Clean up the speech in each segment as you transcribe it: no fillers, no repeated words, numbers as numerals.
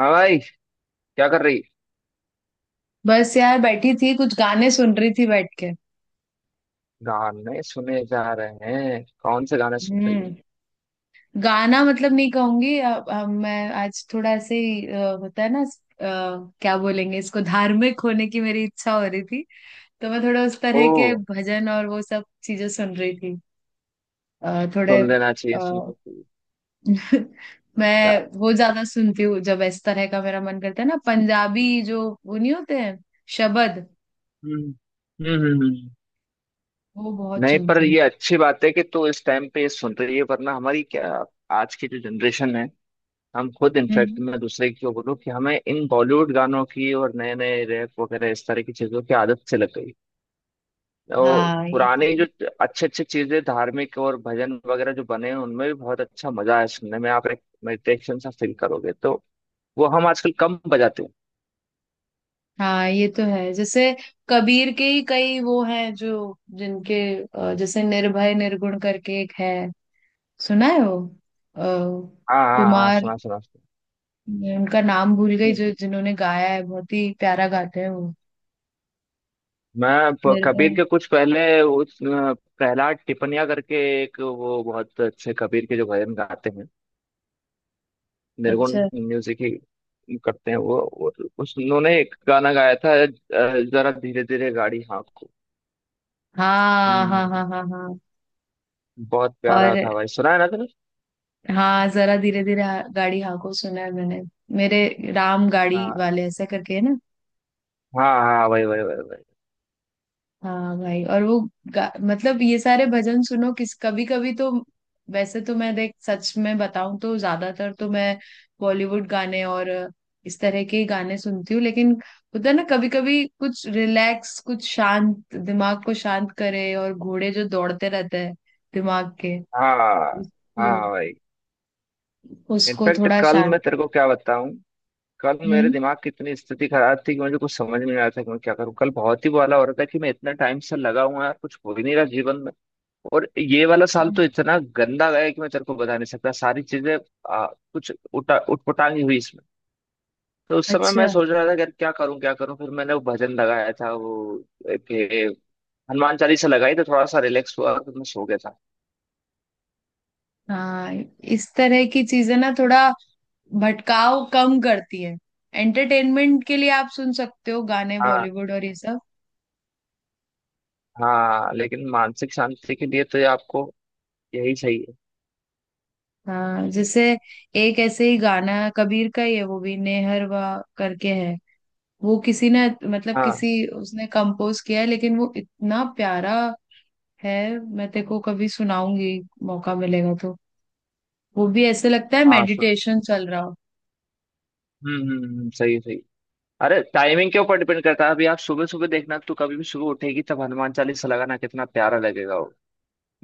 हाँ भाई, क्या कर रही। बस यार, बैठी थी, कुछ गाने सुन रही थी बैठ के। गाने सुने जा रहे हैं, कौन से गाने सुन रही। हम्म। गाना मतलब नहीं कहूंगी, मैं आज थोड़ा ऐसे ही, होता है ना, क्या बोलेंगे इसको, धार्मिक होने की मेरी इच्छा हो रही थी। तो मैं थोड़ा उस ओ, तरह के भजन और वो सब चीजें सुन रही थी। थोड़े सुन लेना अ, चाहिए, सुन लेना चाहिए यार। मैं वो ज्यादा सुनती हूँ, जब इस तरह का मेरा मन करता है ना, पंजाबी जो वो नहीं होते हैं, शबद हम्म हम्म हम्म, हम्म। वो बहुत नहीं पर सुनती हूँ। ये अच्छी बात है कि तू इस टाइम पे ये सुन रही है, वरना हमारी क्या, आज की जो जनरेशन है, हम खुद। इनफैक्ट हम्म। मैं दूसरे को बोलूँ कि हमें इन बॉलीवुड गानों की और नए नए रैप वगैरह इस तरह की चीजों की आदत से लग गई। और हाँ, ये पुराने तो है। जो अच्छे अच्छे चीजें धार्मिक और भजन वगैरह जो बने हैं उनमें भी बहुत अच्छा मजा है, सुनने में आप एक मेडिटेशन सा फील करोगे। तो वो हम आजकल कम बजाते हैं। हाँ, ये तो है। जैसे कबीर के ही कई वो हैं जो जिनके, जैसे निर्भय निर्गुण करके एक है। सुना है वो? अ, हाँ हाँ हाँ, कुमार, सुना सुना सुना। मैं उनका नाम भूल गई हम्म। जो जिन्होंने गाया है। बहुत ही प्यारा गाते हैं वो। कबीर निर्भय। के कुछ पहले, उस प्रहलाद टिपनिया करके एक, वो बहुत अच्छे कबीर के जो भजन गाते हैं। निर्गुण अच्छा। म्यूजिक ही करते हैं वो। और उस उन्होंने एक गाना गाया था, जरा धीरे धीरे गाड़ी हाँको। हाँ, हाँ, हम्म, हाँ, हाँ, हाँ। बहुत और, प्यारा था भाई। सुना है ना हाँ, जरा धीरे धीरे गाड़ी हाँको, सुना है मैंने। मेरे राम गाड़ी तुमने। वाले, ऐसा करके, है ना। हाँ हाँ, वही वही वही वही। हाँ भाई। और वो, मतलब ये सारे भजन सुनो, किस कभी कभी तो। वैसे तो मैं देख, सच में बताऊं तो ज्यादातर तो मैं बॉलीवुड गाने और इस तरह के ही गाने सुनती हूँ, लेकिन होता है ना, कभी कभी कुछ रिलैक्स, कुछ शांत, दिमाग को शांत करे, और घोड़े जो दौड़ते रहते हैं दिमाग के, हाँ उसको हाँ वही। उसको इनफैक्ट थोड़ा कल, मैं शांत तेरे करे। को क्या बताऊं, कल मेरे हम्म। दिमाग की इतनी स्थिति खराब थी कि मुझे कुछ समझ में नहीं आ रहा था कि मैं क्या करूं। कल बहुत ही बुरा हो रहा था कि मैं इतना टाइम से लगा हुआ यार, कुछ हो ही नहीं रहा जीवन में। और ये वाला साल तो इतना गंदा गया कि मैं तेरे को बता नहीं सकता। सारी चीजें आ, कुछ उठा उटपटांगी हुई इसमें। तो उस समय मैं अच्छा। सोच रहा था कि यार क्या करूं क्या करूं। फिर मैंने वो भजन लगाया था, वो एक हनुमान चालीसा लगाई, तो थोड़ा सा रिलैक्स हुआ और फिर मैं सो गया था। हाँ, इस तरह की चीजें ना थोड़ा भटकाव कम करती है। एंटरटेनमेंट के लिए आप सुन सकते हो गाने, हाँ, बॉलीवुड और ये सब। हाँ लेकिन मानसिक शांति के लिए तो आपको यही सही है। हाँ, जैसे एक ऐसे ही गाना कबीर का ही है, वो भी नेहरवा करके है। वो किसी ने, मतलब हाँ किसी, उसने कंपोज किया है, लेकिन वो इतना प्यारा है। मैं तेरे को कभी सुनाऊंगी, मौका मिलेगा तो। वो भी ऐसे लगता है हाँ सर। मेडिटेशन चल रहा हो। सही सही। अरे टाइमिंग के ऊपर डिपेंड करता है। अभी आप सुबह सुबह देखना, तो कभी भी सुबह उठेगी तब हनुमान चालीसा लगाना, कितना प्यारा लगेगा वो।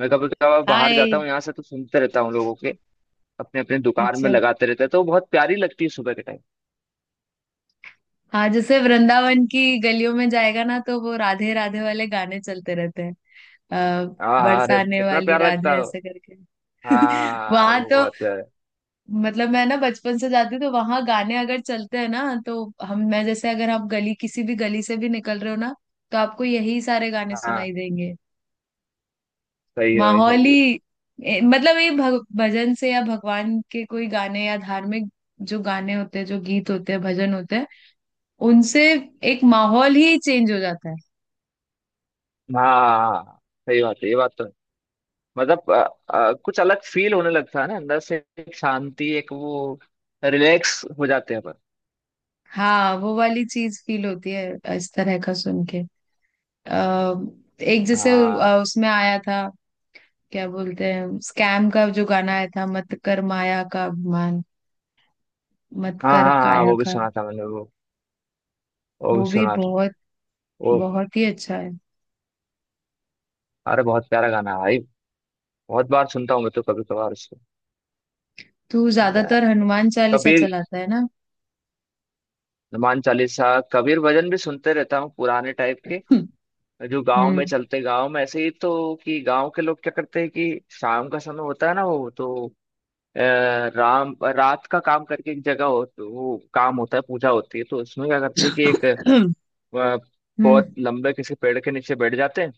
मैं कभी कभार बाहर जाता हाय। हूँ यहाँ से, तो सुनते रहता हूँ लोगों के। अपने अपने दुकान अच्छा। में लगाते रहते हैं, तो वो बहुत प्यारी लगती है सुबह के टाइम। हाँ, जैसे वृंदावन की गलियों में जाएगा ना, तो वो राधे राधे वाले गाने चलते रहते हैं आ, हाँ हाँ, अरे बरसाने कितना वाली प्यारा लगता राधे, है वो। ऐसे करके। हाँ वहां वो तो, बहुत प्यारा है। मतलब मैं ना बचपन से जाती हूँ, तो वहां गाने अगर चलते हैं ना, तो हम मैं जैसे, अगर आप गली किसी भी गली से भी निकल रहे हो ना, तो आपको यही सारे गाने हाँ सुनाई देंगे। सही है भाई, माहौल सही है। ही मतलब ये भजन से या भगवान के कोई गाने या धार्मिक, जो गाने होते हैं, जो गीत होते हैं, भजन होते हैं, उनसे एक माहौल ही चेंज हो जाता है। हाँ हाँ, हाँ, सही बात है, ये बात तो। मतलब कुछ अलग फील होने लगता है ना अंदर से, एक शांति, एक वो, रिलैक्स हो जाते हैं अपन। हाँ, वो वाली चीज फील होती है इस तरह का सुन के। अ, एक जैसे, हाँ उसमें आया था, क्या बोलते हैं, स्कैम का जो गाना आया था: मत कर माया का अभिमान, मत हाँ कर हाँ हाँ, काया वो भी का। सुना था मैंने वो। वो भी वो भी सुना था बहुत, वो। बहुत ही अच्छा है। अरे बहुत प्यारा गाना है भाई। बहुत बार सुनता हूँ मैं तो कभी कभार उसको। तू मैं ज्यादातर हनुमान चालीसा कबीर, चलाता है ना। हनुमान चालीसा, कबीर भजन भी सुनते रहता हूँ पुराने टाइप के, जो गांव में हम्म, चलते। गांव में ऐसे ही तो, कि गांव के लोग क्या करते हैं कि शाम का समय होता है ना, वो तो अ, राम रात का काम करके एक जगह हो तो वो काम होता है, पूजा होती है, तो उसमें क्या करते हैं कि एक अ, बहुत हम्म। लंबे किसी पेड़ के नीचे बैठ जाते हैं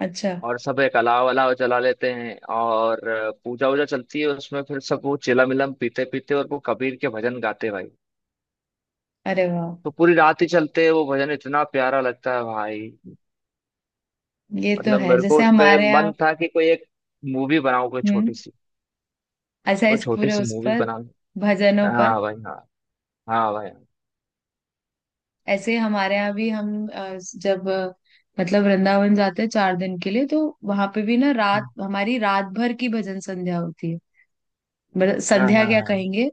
अच्छा। और सब एक अलाव अलाव जला लेते हैं और पूजा वूजा चलती है उसमें, फिर सब वो चिलम मिलम पीते पीते और वो कबीर के भजन गाते हैं भाई। अरे वाह। तो पूरी रात ही चलते हैं वो भजन, इतना प्यारा लगता है भाई। ये तो मतलब है, मेरे को जैसे उस पे हमारे यहाँ। मन था कि कोई एक मूवी बनाऊं, कोई हम्म। छोटी सी, अच्छा, कोई इस छोटी पूरे, सी उस मूवी पर, बनाऊं। भजनों पर। हाँ भाई हाँ, हाँ भाई। ऐसे हमारे यहाँ भी, हम, जब, मतलब वृंदावन जाते हैं 4 दिन के लिए, तो वहां पे भी ना, रात हाँ हमारी, रात भर की भजन संध्या होती है। मतलब हाँ संध्या हाँ क्या हाँ। कहेंगे,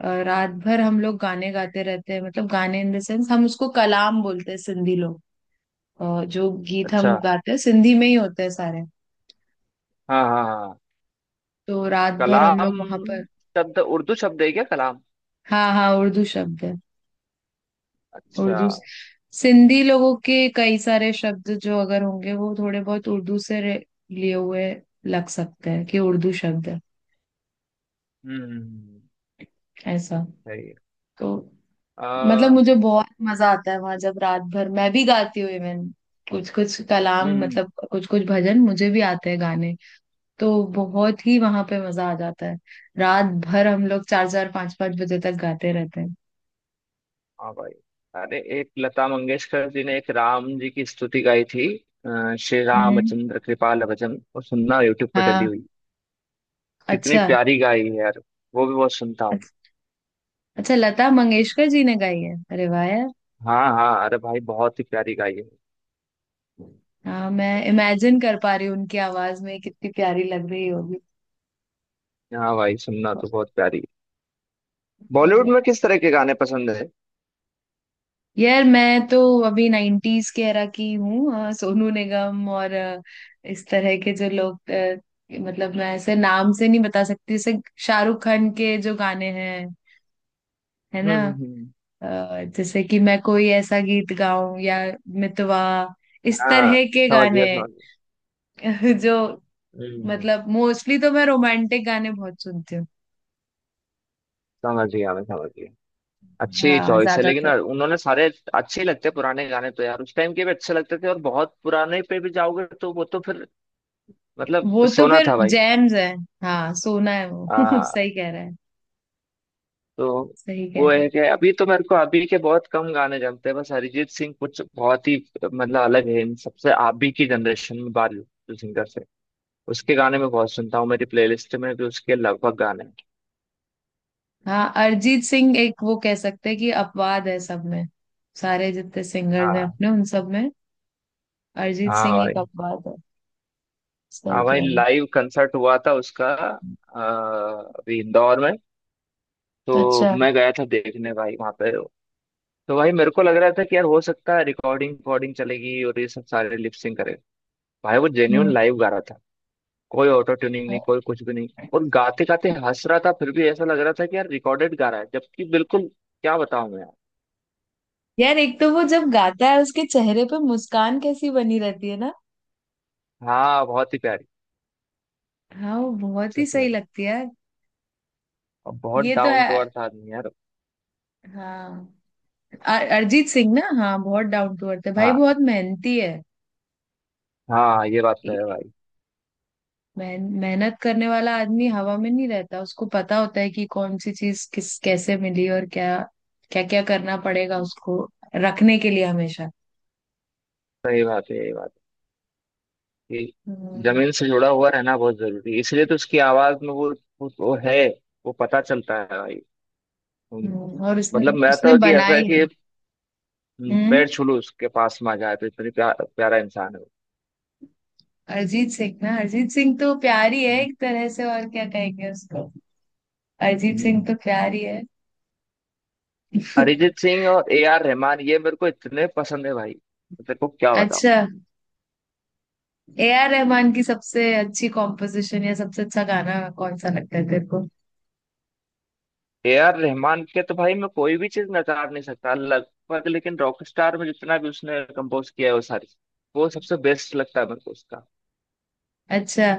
रात भर हम लोग गाने गाते रहते हैं, मतलब गाने इन द सेंस, हम उसको कलाम बोलते हैं, सिंधी लोग। जो गीत हम अच्छा। गाते हैं सिंधी में ही होते हैं सारे। हाँ हाँ हाँ। तो रात भर हम कलाम लोग वहां पर। शब्द उर्दू शब्द है क्या, कलाम। हाँ, हाँ, उर्दू शब्द है। अच्छा। उर्दू से- सिंधी लोगों के कई सारे शब्द जो अगर होंगे, वो थोड़े बहुत उर्दू से लिए हुए लग सकते हैं, कि उर्दू शब्द है हम्म हम्म, हम्म, ऐसा। सही है। तो मतलब हम्म। मुझे बहुत मजा आता है वहां, जब रात भर मैं भी गाती हूँ इवन, कुछ कुछ कलाम, हम्म। मतलब कुछ कुछ भजन मुझे भी आते हैं गाने। तो बहुत ही वहां पे मजा आ जाता है। रात भर हम लोग चार चार पांच पांच बजे तक गाते रहते हैं। हाँ भाई, अरे एक लता मंगेशकर जी ने एक राम जी की स्तुति गाई थी, श्री हम्म। रामचंद्र कृपाल भजन, वो सुनना, यूट्यूब पर डली हाँ। हुई। कितनी अच्छा, प्यारी गाई है यार। वो भी बहुत सुनता हूँ। अच्छा, अच्छा, लता मंगेशकर जी ने गाई है? अरे वाह। हाँ हाँ, अरे भाई बहुत ही प्यारी गाई है। हाँ, मैं इमेजिन कर पा रही हूँ, उनकी आवाज में कितनी प्यारी लग रही होगी। हाँ भाई, सुनना तो बहुत प्यारी है। बॉलीवुड में किस तरह के गाने पसंद है। यार मैं तो अभी नाइन्टीज के एरा की हूँ, सोनू निगम और, इस तरह के जो लोग, मतलब मैं ऐसे नाम से नहीं बता सकती। जैसे शाहरुख खान के जो गाने हैं, है हम्म ना, हम्म हम्म, जैसे कि मैं कोई ऐसा गीत गाऊं, या मितवा, इस हाँ तरह के समझ गाने। गया, समझ गया। जो, हम्म हम्म। मतलब मोस्टली तो मैं रोमांटिक गाने बहुत सुनती हूँ। समझ गया मैं, समझ गया। अच्छी हाँ, चॉइस है, लेकिन ज्यादातर। उन्होंने सारे अच्छे ही लगते हैं। पुराने गाने तो यार, उस टाइम के भी अच्छे लगते थे, और बहुत पुराने पे भी जाओगे तो वो तो फिर मतलब, वो तो सोना फिर था भाई। जैम्स है। हाँ, सोना है वो। आ, सही कह रहा है। तो सही कह वो रहा है है। कि अभी तो मेरे को अभी के बहुत कम गाने जमते हैं, बस अरिजीत सिंह कुछ बहुत ही, मतलब अलग है इन सबसे। अभी की जनरेशन में बाल सिंगर से उसके गाने में बहुत सुनता हूँ। मेरी प्लेलिस्ट में भी उसके लगभग गाने हैं। हाँ, अरिजीत सिंह एक, वो कह सकते हैं कि अपवाद है सब में। सारे जितने सिंगर्स हैं हाँ। अपने, उन सब में अरिजीत हाँ सिंह एक भाई, अपवाद है। सही हाँ भाई, कह रहे लाइव कंसर्ट हुआ था उसका हैं। अभी इंदौर में, तो अच्छा। मैं गया था देखने भाई वहां पे। तो भाई मेरे को लग रहा था कि यार हो सकता है रिकॉर्डिंग रिकॉर्डिंग चलेगी और ये सब सारे लिपसिंग करे। भाई वो जेन्यून हम्म। लाइव गा रहा था, कोई ऑटो ट्यूनिंग नहीं, कोई कुछ भी नहीं। और गाते गाते हंस रहा था, फिर भी ऐसा लग रहा था कि यार रिकॉर्डेड गा रहा है, जबकि बिल्कुल, क्या बताऊं मैं यार। यार एक तो वो जब गाता है, उसके चेहरे पे मुस्कान कैसी बनी रहती है ना। हाँ बहुत ही प्यारी। हाँ, वो बहुत ही सच सही में। लगती है यार। और बहुत ये तो डाउन टू है। अर्थ आदमी यार। हाँ, अरिजीत सिंह ना, हाँ, बहुत डाउन टू अर्थ है भाई, हाँ बहुत मेहनती है। हाँ, ये बात तो है भाई। मेहनत करने वाला आदमी हवा में नहीं रहता। उसको पता होता है कि कौन सी चीज किस, कैसे मिली, और क्या क्या क्या करना पड़ेगा उसको रखने के लिए हमेशा। सही बात है, ये बात है कि हम्म, जमीन से जुड़ा हुआ रहना बहुत जरूरी है, इसलिए तो उसकी आवाज में वो है, वो पता चलता है भाई। हम्म। और उसने मतलब मैं उसने तो, कि ऐसा है बनाई है। कि हम्म। पैर छू लूं उसके, पास में आ जाए तो, इतनी प्यारा इंसान है वो। अरिजीत सिंह ना, अरिजीत सिंह तो प्यारी है, हम्म। एक तरह से और क्या कहेंगे उसको, अरिजीत सिंह हम्म। तो प्यारी है। अरिजीत सिंह और ए आर रहमान, ये मेरे को इतने पसंद है भाई, तो तेरे को क्या बताओ। अच्छा, ए आर रहमान की सबसे अच्छी कॉम्पोजिशन या सबसे अच्छा गाना कौन सा लगता है तेरे को? ए आर रहमान के तो भाई मैं कोई भी चीज नकार नहीं सकता लगभग, लेकिन रॉक स्टार में जितना भी उसने कंपोज किया है, वो सारी, वो सबसे बेस्ट लगता है मेरे को उसका। अच्छा।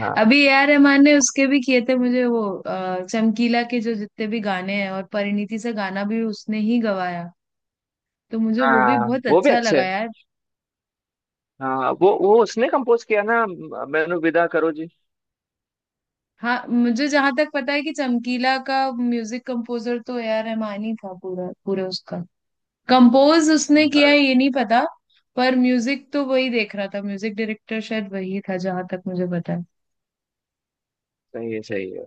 हाँ। अभी ए आर रहमान ने उसके भी किए थे, मुझे वो चमकीला के जो जितने भी गाने हैं, और परिणीति से गाना भी उसने ही गवाया, तो मुझे वो भी हाँ बहुत वो भी अच्छा अच्छे लगा हैं। यार। हाँ वो, उसने कंपोज किया ना, मैनू विदा करो जी। हाँ, मुझे जहां तक पता है कि चमकीला का म्यूजिक कंपोजर तो ए आर रहमान ही था, पूरा पूरा उसका कंपोज उसने हम्म। किया हाँ, है ये नहीं पता। पर म्यूजिक तो वही देख रहा था, म्यूजिक डायरेक्टर शायद वही था जहां तक मुझे पता है। सही है सही है।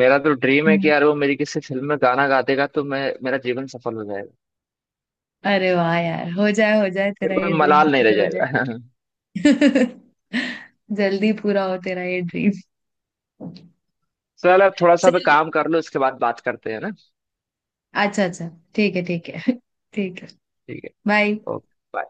मेरा तो ड्रीम है कि हम्म। यार वो मेरी किसी फिल्म में गाना गा देगा तो मैं, मेरा जीवन सफल हो जाएगा। अरे वाह यार। हो जाए, हो जाए, फिर तेरा ये कोई ड्रीम मलाल नहीं रह पूरा हो जाए। जाएगा। जल्दी पूरा हो तेरा ये ड्रीम। चल अब थोड़ा सा मैं चल। काम कर लो, इसके बाद बात करते हैं ना। अच्छा, अच्छा। ठीक है, ठीक है। ठीक है। ठीक है। बाय। ओके।